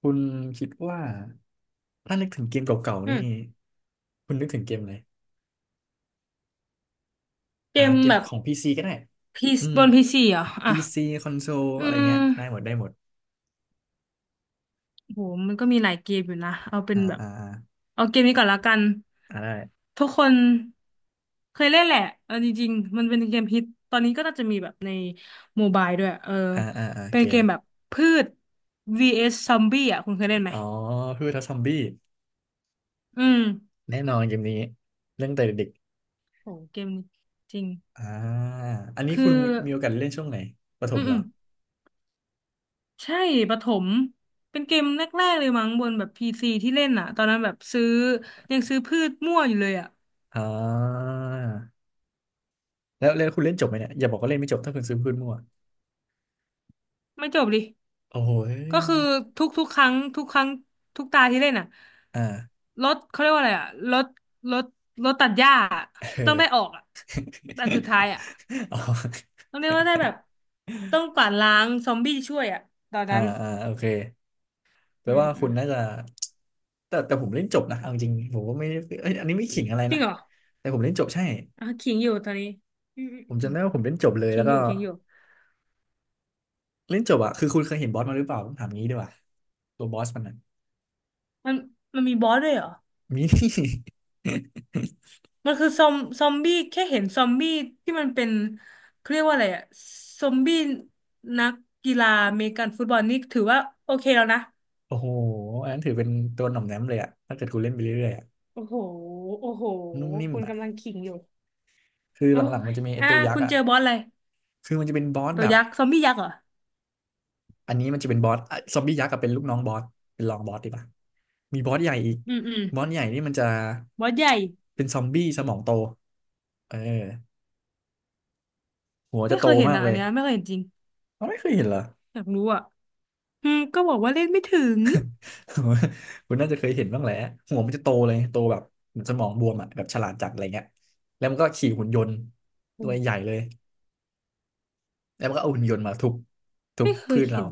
คุณคิดว่าถ้านึกถึงเกมเก่าๆอืนี่มคุณนึกถึงเกมอะไรเกมเกแบมบของพีซีก็ได้พีอืมบนพีซีเหรอพีอ่ะซีคอนโซลอือะไรเงี้ยมได้หมดได้หมดโหมันก็มีหลายเกมอยู่นะ เอาเป็นอ่าแบบอ่าอ่าเอาเกมนี้ก่อนละกัน อ่าได้ทุกคนเคยเล่นแหละเองจริงๆมันเป็นเกมฮิตตอนนี้ก็น่าจะมีแบบในโมบายด้วยเอออ่าอ่าอ่าเป็เกนเกมมแบบพืช vs ซอมบี้อ่ะคุณเคยเล่นไหม อ๋อคือทัซอมบี้อืมแน่นอนเกมนี้เรื่องแต่เด็กโหเกมนี้จริง ๆอันนี้คือ คุณมีโอกาสเล่นช่วงไหนประถอืมมเหอืรอม ใช่ประถมเป็นเกมแรกๆเลยมั้งบนแบบพีซีที่เล่นอ่ะตอนนั้นแบบซื้อยังซื้อพืชมั่วอยู่เลยอ่ะอ่าแล้วคุณเล่นจบไหมเนี่ยอย่าบอกว่าเล่นไม่จบถ้าคุณซื้อพื้นมั่วไม่จบดิโอ้โหก็คือยทุกๆครั้งทุกตาที่เล่นอ่ะอ่ารถเขาเรียกว่าอะไรอ่ะรถรถตัดหญ้าอะเอต้องได้อออ กอ่ะอันสุดท้ายอ่ะ อ๋อ ต้องเรียกว่าได้แบบต้องกวาดล้างซอมบี้ช่วยอ่ะตอนอ่านั้นอ่าโอเคแปลอืมว่าอืคุมณน่าจะแต่ผมเล่นจบนะเอาจริงผมก็ไม่เอ้ยอันนี้ไม่ขิงอะไรจรินะงเหรอแต่ผมเล่นจบใช่อ่ะขิงอยู่ตอนนี้อืมอืมผมอืจำมได้ว่าผมเล่นจบเลยขิแล้งวอก็ยู่ขิงอยู่เล่นจบอะคือคุณเคยเห็นบอสมาหรือเปล่าผมถามงี้ดีกว่าตัวบอสมันน่ะมันมันมีบอสด้วยเหรอ มี มันคือซอมบี้แค่เห็นซอมบี้ที่มันเป็นเขาเรียกว่าอะไรอะซอมบี้นักกีฬาอเมริกันฟุตบอลนี่ถือว่าโอเคแล้วนะโอ้โหอันนั้นถือเป็นตัวหน่อมแนมเลยอะถ้าเกิดคุณเล่นไปเรื่อยๆอะโอ้โหโอ้โหนุ่มนิ่มคุณอะกำลังขิงอยู่คือหโอ้ลังๆมัยนจะมีไอ้อ่ะตัวยักคุษ์ณอะเจอบอสอะไรคือมันจะเป็นบอสตัแบวบ ยักษ์ซอมบี้ยักษ์เหรออันนี้มันจะเป็นบอสอ่ะซอมบี้ยักษ์กับเป็นลูกน้องบอสเป็นรองบอสดีป่ะมีบอสใหญ่อีกอืมบอสใหญ่นี่มันจะบอสใหญ่เป็นซอมบี้สมองโตเออหัวจะไม่โตเคยเห็นมากอ่ะเลอันยเนี้ยไม่เคยเห็นจริงเราไม่เคยเห็นเหรอ อยากรู้อ่ะอืมก็บอกว่าเล่นไม่ถึง คุณน่าจะเคยเห็นบ้างแหละหัวมันจะโตเลยโตแบบเหมือนสมองบวมอ่ะแบบฉลาดจัดอะไรเงี้ยแล้วมันก็ขี่หุ่นยนต์อืตัวใหญ่มเลยแล้วมันก็เอาหุ่นยนต์มาทุบทุบไม่เคพืยชเราเห็น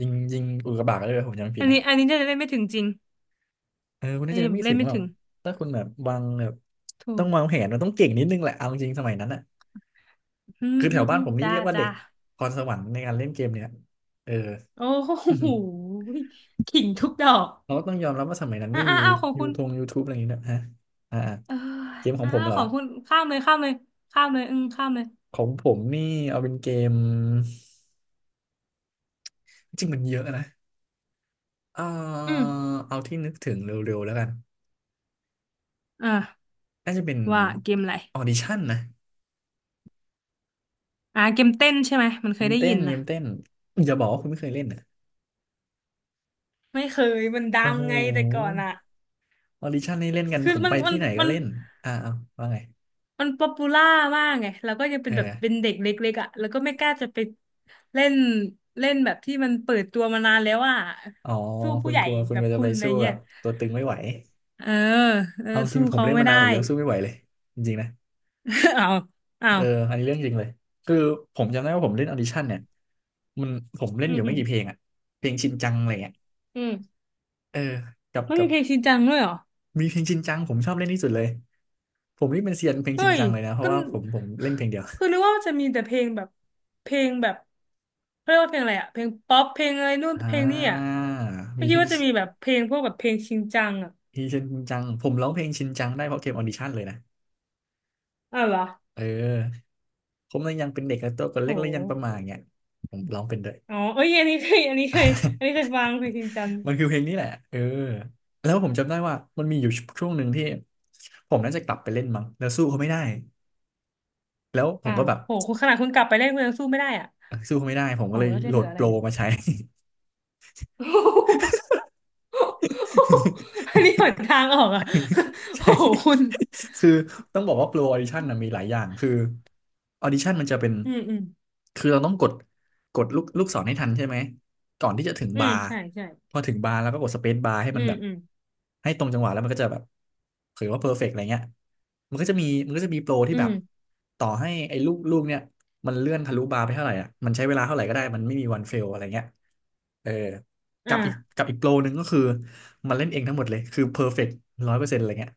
ยิงอุกกาบาตก็ได้เลยผมจำไม่ผิดนะ อันนี้จะเล่นไม่ถึงจริงเออคุณอันน่าจะนี้ไม่เล่ถึนงไม่หรอถึกงถ้าคุณแบบวางแบบถูต้อกงวางแผนมันต้องเก่งนิดนึงแหละเอาจริงสมัยนั้นอ่ะอืมคือแถอืวมบ้าอืนมผมนี่จ้าเรียกว่าเด็จ้า กพรสวรรค์ในการเล่นเกมเนี่ยเออ โอ้ อื้อโหหือขิงทุกดอกเราก็ต้องยอมรับว่าสมัยนั้นอ้าไม่มีอ้าอ้าของยูคุณทงยูทูบอะไรอย่างนี้นะฮะอ่าอ่าเออเกมขออ้างผอ้ามเหรขอองคุณข้ามเลยข้ามเลยข้ามเลยอืมข้ามเลยของผมนี่เอาเป็นเกมจริงมันเยอะนะเออือมเอาที่นึกถึงเร็วๆแล้วกันอ่าน่าจะเป็นว่าเกมอะไรออดิชั่นนะอ่าเกมเต้นใช่ไหมมันเคยได้เต้ยินนเกนะมเต้นอย่าบอกว่าคุณไม่เคยเล่นอ่ะไม่เคยมันดัโอ้งโห ไงแต่ก่อนอะออดิชั่นนี่เล่นกันคือผมมัไปนมันที่ไหนก็มันเล่นอ่าเอาว่าไงมันป๊อปปูล่ามากไงแล้วก็ยังเป็เอนอแบบเป็นเด็กเล็กๆอะแล้วก็ไม่กล้าจะไปเล่นเล่นแบบที่มันเปิดตัวมานานแล้วอะอ๋อสู้คุผู้ณใหญ่กลัวคุณแบกบลัวจะคุไปณอะไรสู้แบเงี้ยบตัวตึงไม่ไหวเออเออเอาจริสู้งผมเขาเล่นไม่มานาได้ นผมยังสู้ไม่ไหวเลยจริงๆนะ อ้าวอ้าเออวอันนี้เรื่องจริงเลยคือผมจำได้ว่าผมเล่นออดิชั่นเนี่ยมันผมเล่นอือมยู่อืไม่มกี่เพลงอะเพลงชินจังอะไรเงี้ยอืมเออกับแล้กัมีบเพลงชินจังด้วยเหรอมีเพลงชินจังผมชอบเล่นที่สุดเลยผมนี่เป็นเซียนเพลงเฮ้ชินยจังเลยนะเพราะก็ว่าผมเล่นเพลงเดียวคือนึกว่าจะมีแต่เพลงแบบเพลงแบบเขาเรียกว่าเพลงอะไรอะเพลงป๊อปเพลงอะไรนู่นอ่เพลงนี่อะาไม่มีเพคิดลงว่าจะมีแบบเพลงพวกแบบเพลงชินจังอะชินจังผมร้องเพลงชินจังได้เพราะเกมออดิชั่นเลยนะอ้าวเหรอเออ ผมเลยยังเป็นเด็กและตัวก็โหเล็กและยังประมาอเงี้ยผมร้องเป็นด้วย อ๋อเอ้ยอันนี้เคยอันนี้เคยอันนี้เคยฟังเพลงชินจัง มันคือเพลงนี้แหละเออแล้วผมจำได้ว่ามันมีอยู่ช่วงหนึ่งที่ผมน่าจะกลับไปเล่นมั้งแล้วสู้เขาไม่ได้แล้วผอ้ามก็วแบบโหคุณขนาดคุณกลับไปเล่นคุณยังสู้ไม่ได้อะสู้เขาไม่ได้ผมโหก็เลยแล้วจะโหลเหลืดออะโปไรรเนี่ย มาใช้ อันนี้หน ทางออกอะ โหใช่ คุณ คือต้องบอกว่าโปรออดิชั่นนะมีหลายอย่าง คือออดิชั่นมันจะเป็น อืมอืม คือเราต้องกดลูกศรให้ทันใช่ไหม ก่อนที่จะถึงบาร์ใช่ใช่พอถึงบาร์แล้วก็กดสเปซบาร์ให้อืมันมแบบอืมให้ตรงจังหวะแล้วมันก็จะแบบถือว่าเพอร์เฟกต์อะไรเงี้ยมันก็จะมีโปรที่อืแบมบ ต่อให้ไอ้ลูกเนี่ยมันเลื่อนทะลุบาร์ไปเท่าไหร่อ่ะมันใช้เวลาเท่าไหร่ก็ได้ มันไม่มีวันเฟลอะไรเงี้ยเออกับอีกอ่ากับอีกโปรหนึ่งก็คือ มันเล่นเองทั้งหมดเลย คือเพอร์เฟกต์100%อะไรเงี้ย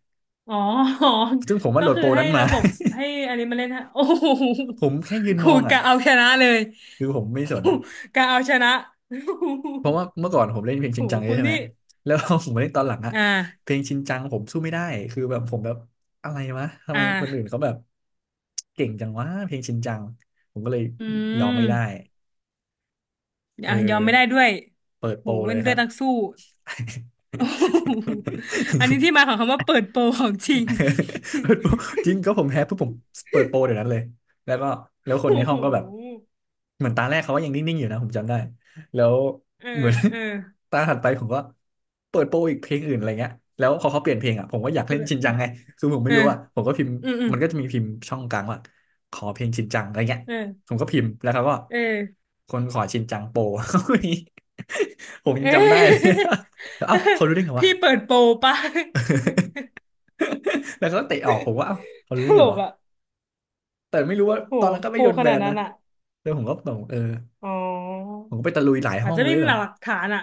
อ๋อ อ๋อซึ่งผมว่าก็โหลดคือโปรให้นั้นมา ระบบให้อันนี้มาเล่นฮะ โอ้โห ผมแค่ยืนคมรูองอ่ะกะเอาชนะเลย คือผมไม่สนอ่ะ กะเอาชนะ เพราะว่าเมื่อก่อนผมเล่นเพลงชิโอ้นโหจังเยคุอะณใช่ไหมนี่แล้ว ผมมาเล่นตอนหลังอ่ะอ่เพาลงชินจังผมสู้ไม่ได้คือแบบผมแบบอะไรวะทำอ่าไมคนอื่นเขาแบบเก่งจังวะเพลงชินจังผมก็เลยอืยอมไม่ได้มเอออ่ะยอมไม่ได้ด้วยเปิดโปโหรเลเป็ยนคเลืรัอดบ นักสู้ โอ้โหอันนี้ที่ มาของคำว่าเปิดโปรของจริง เปิดโปรจริงก็ผมแพ้ปุ๊บผมเปิดโปรเดี๋ยวนั้นเลยแล้วก็แล้วค นในโอ้ห้โหองก็แบบเหมือนตาแรกเขาก็ยังนิ่งๆอยู่นะผมจำได้แล้วเออเหมือน เออ ตาถัดไปผมก็เปิดโปรอีกเพลงอื่นอะไรเงี้ยแล้วพอเขาเปลี่ยนเพลงอ่ะผมก็อยากเล่นชินจังไงคือผมเอไม่อรู้อ่ะผมก็พิมพ์อืมมันก็จะมีพิมพ์ช่องกลางว่าขอเพลงชินจังอะไรเงี้ยเออผมก็พิมพ์แล้วเขาก็เออ คนขอชินจังโปร ผม ยัเอ๊งจำได้เลย ะ แล้วเอ้า เขารู้ได้ไงวะพี่เปิดโปรปะ แล้วเขาก็เตะออกผมว่าเอ้าเขา ตรู้ได้ลไงกวะ อ่ะแต่ไม่รู้ว่าโหตอนนั้นก็กไม่ลัโดวนขแบนาดนนั้นนะอ่ะแล้วผมก็ตองอ๋อผมก็ไปตะลุยหลายอาห้จองจะเลไม่ยมีแบหบลักฐานอ่ะ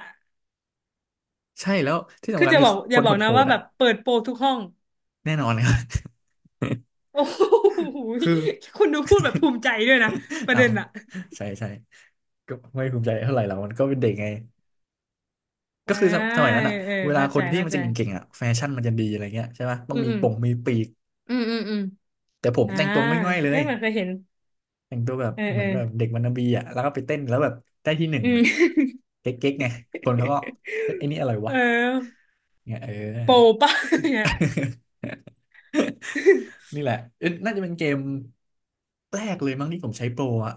ใช่แล้วที่คืสำอคัญจะคืบออกอคย่านบอกนะโหดว่าๆแบอ่ะบเปิดโปรทุกห้อง แน่นอนครับ โอ้โห คือคุณดูพูดแบบภูมิใจด้วยนะประอ้าเด็วนอ่ะใช่ใช่ก็ไม่ภูมิใจเท่าไหร่หรอกมันก็เป็นเด็กไงก็อ่าคือสมสมัยนั้นอ่ะเออเวลาเข้าคใจนที่เข้ามันใจจะเก่งๆอ่ะแฟชั่นมันจะดีอะไรเงี้ยใช่ปะต้ออืงมมีอืมปงมีปีกอืมแต่ผมอ่าแต่งตัวง่อยๆเลเอ้ยยเหมันเคยเห็นแต่งตัวแบบเออเหเอมืออนแบบเด็กวันนาบีอ่ะแล้วก็ไปเต้นแล้วแบบได้ที่หนึ่งอืม เก๊กๆไงคนเขาก็เฮ้ยไอ้ นี่อะไรเอวะอเงี้ยเโปรอปะ เนี่ยอ นี่แหละเอ๊ะน่าจะเป็นเกมแรกเลยมั้งที่ผมใช้โปรอ่ะ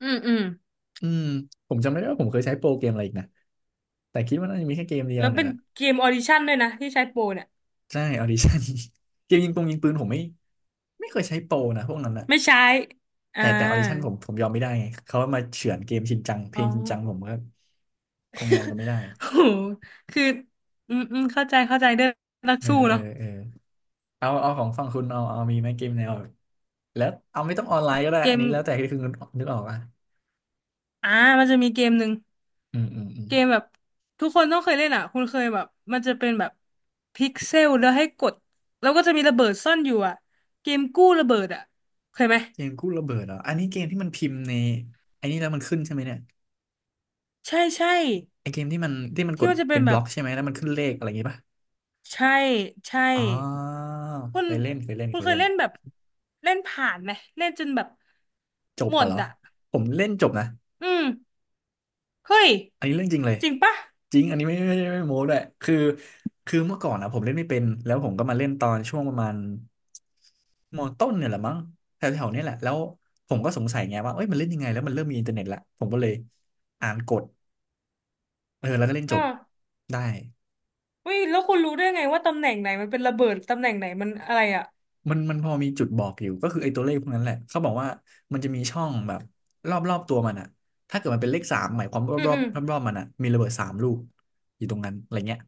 อืม อืมผมจำไม่ได้ว่าผมเคยใช้โปรเกมอะไรอีกนะแต่คิดว่าน่าจะมีแค่เกมเดียแล้ววเนี่ยเป็นแหละเกมออดิชั่นด้วยนะที่ใช้โปรเนี่ยใช่ออดิชั่น เกมยิงปงยิงปืนผมไม่ไม่เคยใช้โปรนะพวกนั้นอ่ะไม่ใช้อ่าแต่แต่ออดิชั่นผมยอมไม่ได้ไงเขามาเฉือนเกมชินจังเพอ๋ลองชินจังผมก็คงยอมกันไม่ได้โหคืออืมเข้าใจเข้าใจเรื่องนักเออสู้เออเนาะเออเอาของฝั่งคุณเอามีไหมเกมแนวแล้วเอาไม่ต้องออนไลน์ก็ได้เกอันมนี้แล้วแต่ที่คุณนึกออกอ่ะอ่ามันจะมีเกมหนึ่งอืมอืมอืมเกมแบบทุกคนต้องเคยเล่นอ่ะคุณเคยแบบมันจะเป็นแบบพิกเซลแล้วให้กดแล้วก็จะมีระเบิดซ่อนอยู่อ่ะเกมกู้ระเบิดอ่ะเคยไหมเกมกู้ระเบิดเหรออันนี้เกมที่มันพิมพ์ในไอันนี้แล้วมันขึ้นใช่ไหมเนี่ย ใช่ใช่ไอเกมที่มันกที่ดมันจะเป็เป็นนบแบล็อบกใช่ไหมแล้วมันขึ้นเลขอะไรอย่างงี้ป่ะใช่ใช่ อ๋อคุณเคยเล่นเคยเล่นคุเคณยเคเล่ยนเล่นแบบเล่นผ่านไหมเล่นจนแบบจบหมป่ะดเหรออ่ะผมเล่นจบนะอืมเฮ้ยอันนี้เรื่องจริงเลยจริงปะจริงอันนี้ไม่ไม่ไม่ไม่โม้ด้วยคือคือเมื่อก่อนนะผมเล่นไม่เป็นแล้วผมก็มาเล่นตอนช่วงประมาณมต้นเนี่ยแหละมั้งแถวๆเนี้ยแหละแล้วผมก็สงสัยไงว่าเอ้ยมันเล่นยังไงแล้วมันเริ่มมีอินเทอร์เน็ตละผมก็เลยอ่านกฎเออแล้วก็เล่นจเอาบได้ อุ้ยแล้วคุณรู้ได้ไงว่าตำแหน่งไหนมันเป็นระเบิดตำแหน่งไหนมันอะไรอ่ะมันพอมีจุดบอกอยู่ก็คือไอ้ตัวเลขพวกนั้นแหละเขาบอกว่ามันจะมีช่องแบบรอบรอบตัวมันอะถ้าเกิดมันเป็นเลขสามหมายความรออืบมรอบอืมรอบรอบๆมันอะมีระเบิดสามลูกอยู่ตรงนั้นอะไรเงี้ย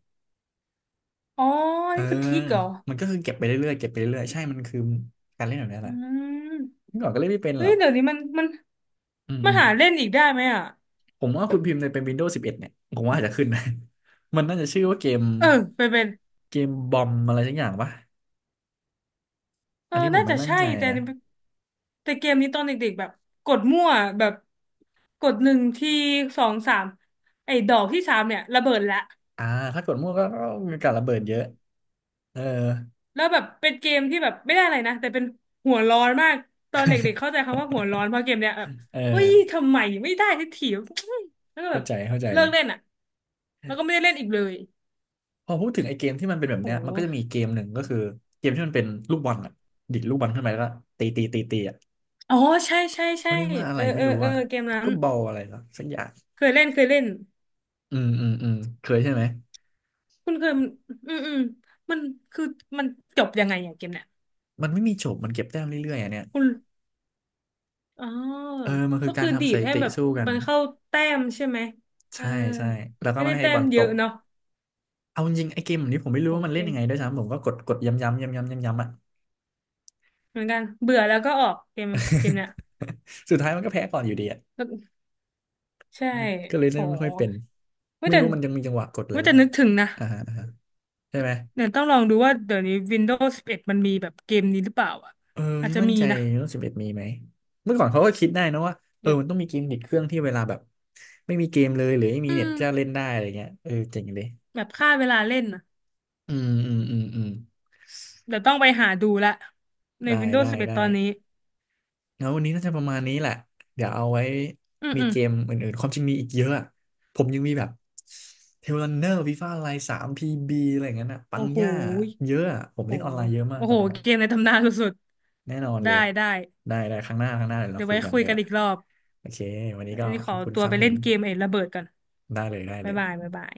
อ๋อเออนี่คือทิกเหรอมันก็คือเก็บไปเรื่อยๆเก็บไปเรื่อยๆใช่มันคือการเล่นแบบนี้อืแหละเมื่มอก่อนก็เล่นไม่เป็นหเฮ้รยอกเดี๋ยวนี้มันอืมันมหาเล่นอีกได้ไหมอ่ะๆผมว่าคุณพิมพ์ในเป็น Windows 11เอ็ดเนี่ยผมว่าอาจจะขึ้นนะ มันน่าจะชื่อว่าเกมเออเป็นเป็นเกมบอมอะไรสักอย่างปะเออัอนนี้ผมน่าไม่จะมั่นใช่ใจแต่นะแต่เกมนี้ตอนเด็กๆแบบกดมั่วแบบ กดหนึ่งทีสองสามไอ้ดอกที่สามเนี่ยระเบิดละอ่าถ้ากดมั่วก็ก็มีการระเบิดเยอะเออแล้วแบบเป็นเกมที่แบบไม่ได้อะไรนะแต่เป็นหัวร้อนมากตอนเด็กๆเข้าใจคำว่าหัวร้อนเพราะเกมเนี้ยแบบเเฮ้ยออ ทำไมไม่ได้สักทีวะ แล้วก็แบเข้าบใจเข้าใจเลิเลกยเล่นอ่ะแล้วก็ไม่ได้เล่นอีกเลยพอพูดถึงไอ้เกมที่มันเป็นแบบโหเนี้ยมันก็จะมีเกมหนึ่งก็คือเกมที่มันเป็นลูกบอลอ่ะดิดลูกบอลขึ้นไปแล้วก็ตีตีตีตีอ่ะอ๋อใช่ใช่เขาใช่เรียกว่าอะเอไรอไม่เออรู้เอออ่ะเกมพิกนั้เกินลบอลอะไรหรอสักอย่างเคยเล่นเคยเล่นอืมอืมอืมเคยใช่ไหมคุณเคยอืมมันคือมันจบยังไงอย่างเกมเนี่ยมันไม่มีจบมันเก็บแต้มเรื่อยๆอ่ะเนี่ยคุณ อ๋อเออมันคืก็อกาคืรอดีทำสดถิให้ติแบบสู้กันมันเข้าแต้มใช่ไหมเออใช่ใช่แล้วก็ไม่ไม่ได้ให้แต้บอมลตเยอะกเนาะเอาจริงๆไอ้เกมแบบนี้ผมไม่โหรู้ว่ามันเล่นเก่งยังไงด้วยซ้ำผมก็กดกดย้ำย้ำย้ำย้ำย้ำย้ำอ่ะ เหมือนกัน เบื่อแล้วก็ออกเกมเกมเนี้ย สุดท้ายมันก็แพ้ก่อนอยู่ดีอ่ะใช่ก็เลยโหเล่นไม่ค่อยเป็นไม่าไม่แต่รู้มันยังมีจังหวะกดอะไรไม่าหรือแต่เปนึล่ากถึงนะอ่าฮะ ใช่ไหมเดี๋ยวต้องลองดูว่าเดี๋ยวนี้ Windows 11มันมีแบบเกมนี้หรือเปล่าอ่ะเอออาจไม่จะมั่นมีใจนะ รุ่นสิบเอ็ดมีไหมเมื่อก่อนเขาก็คิดได้นะว่าเออเดี๋ยวมันต้องมีเกมติดเครื่องที่เวลาแบบไม่มีเกมเลยหรือไม่มีอืเน็ตมจะเล่นได้อะไรเงี้ยเออเจ๋งเลยแบบฆ่าเวลาเล่นนะอืมอืมอืมอืมเดี๋ยวต้องไปหาดูละใน ได้ได้ Windows 11ได้ตอนนี้แล้ววันนี้น่าจะประมาณนี้แหละเดี๋ยวเอาไว้อืมมีอืมเกมอื่นๆความจริงมีอีกเยอะอะผมยังมีแบบเทลรันเนอร์ฟีฟ่าไลน์สามพีบีอะไรอย่างนั้นอะปัโอ้งโห ย่าเยอะอะผมโอ้เล่นอโหอนไลน์เยอะมากโอ้ตอโห นนั้นอะ เกมในตำนานสุดแน่นอนๆเลได้ยได้ ได้ได้ครั้งหน้าครั้งหน้าเดี๋ยวเราเดี๋ยวคุไว้ยกันคุยได้กันป่ะอีกรอบโอเควันนี้ก็อันนี้ขขออบคุณตัควรับไปผเล่นมเกมไอ้ระเบิดก่อนได้เลยได้เลบ๊ายยบายบ๊ายบาย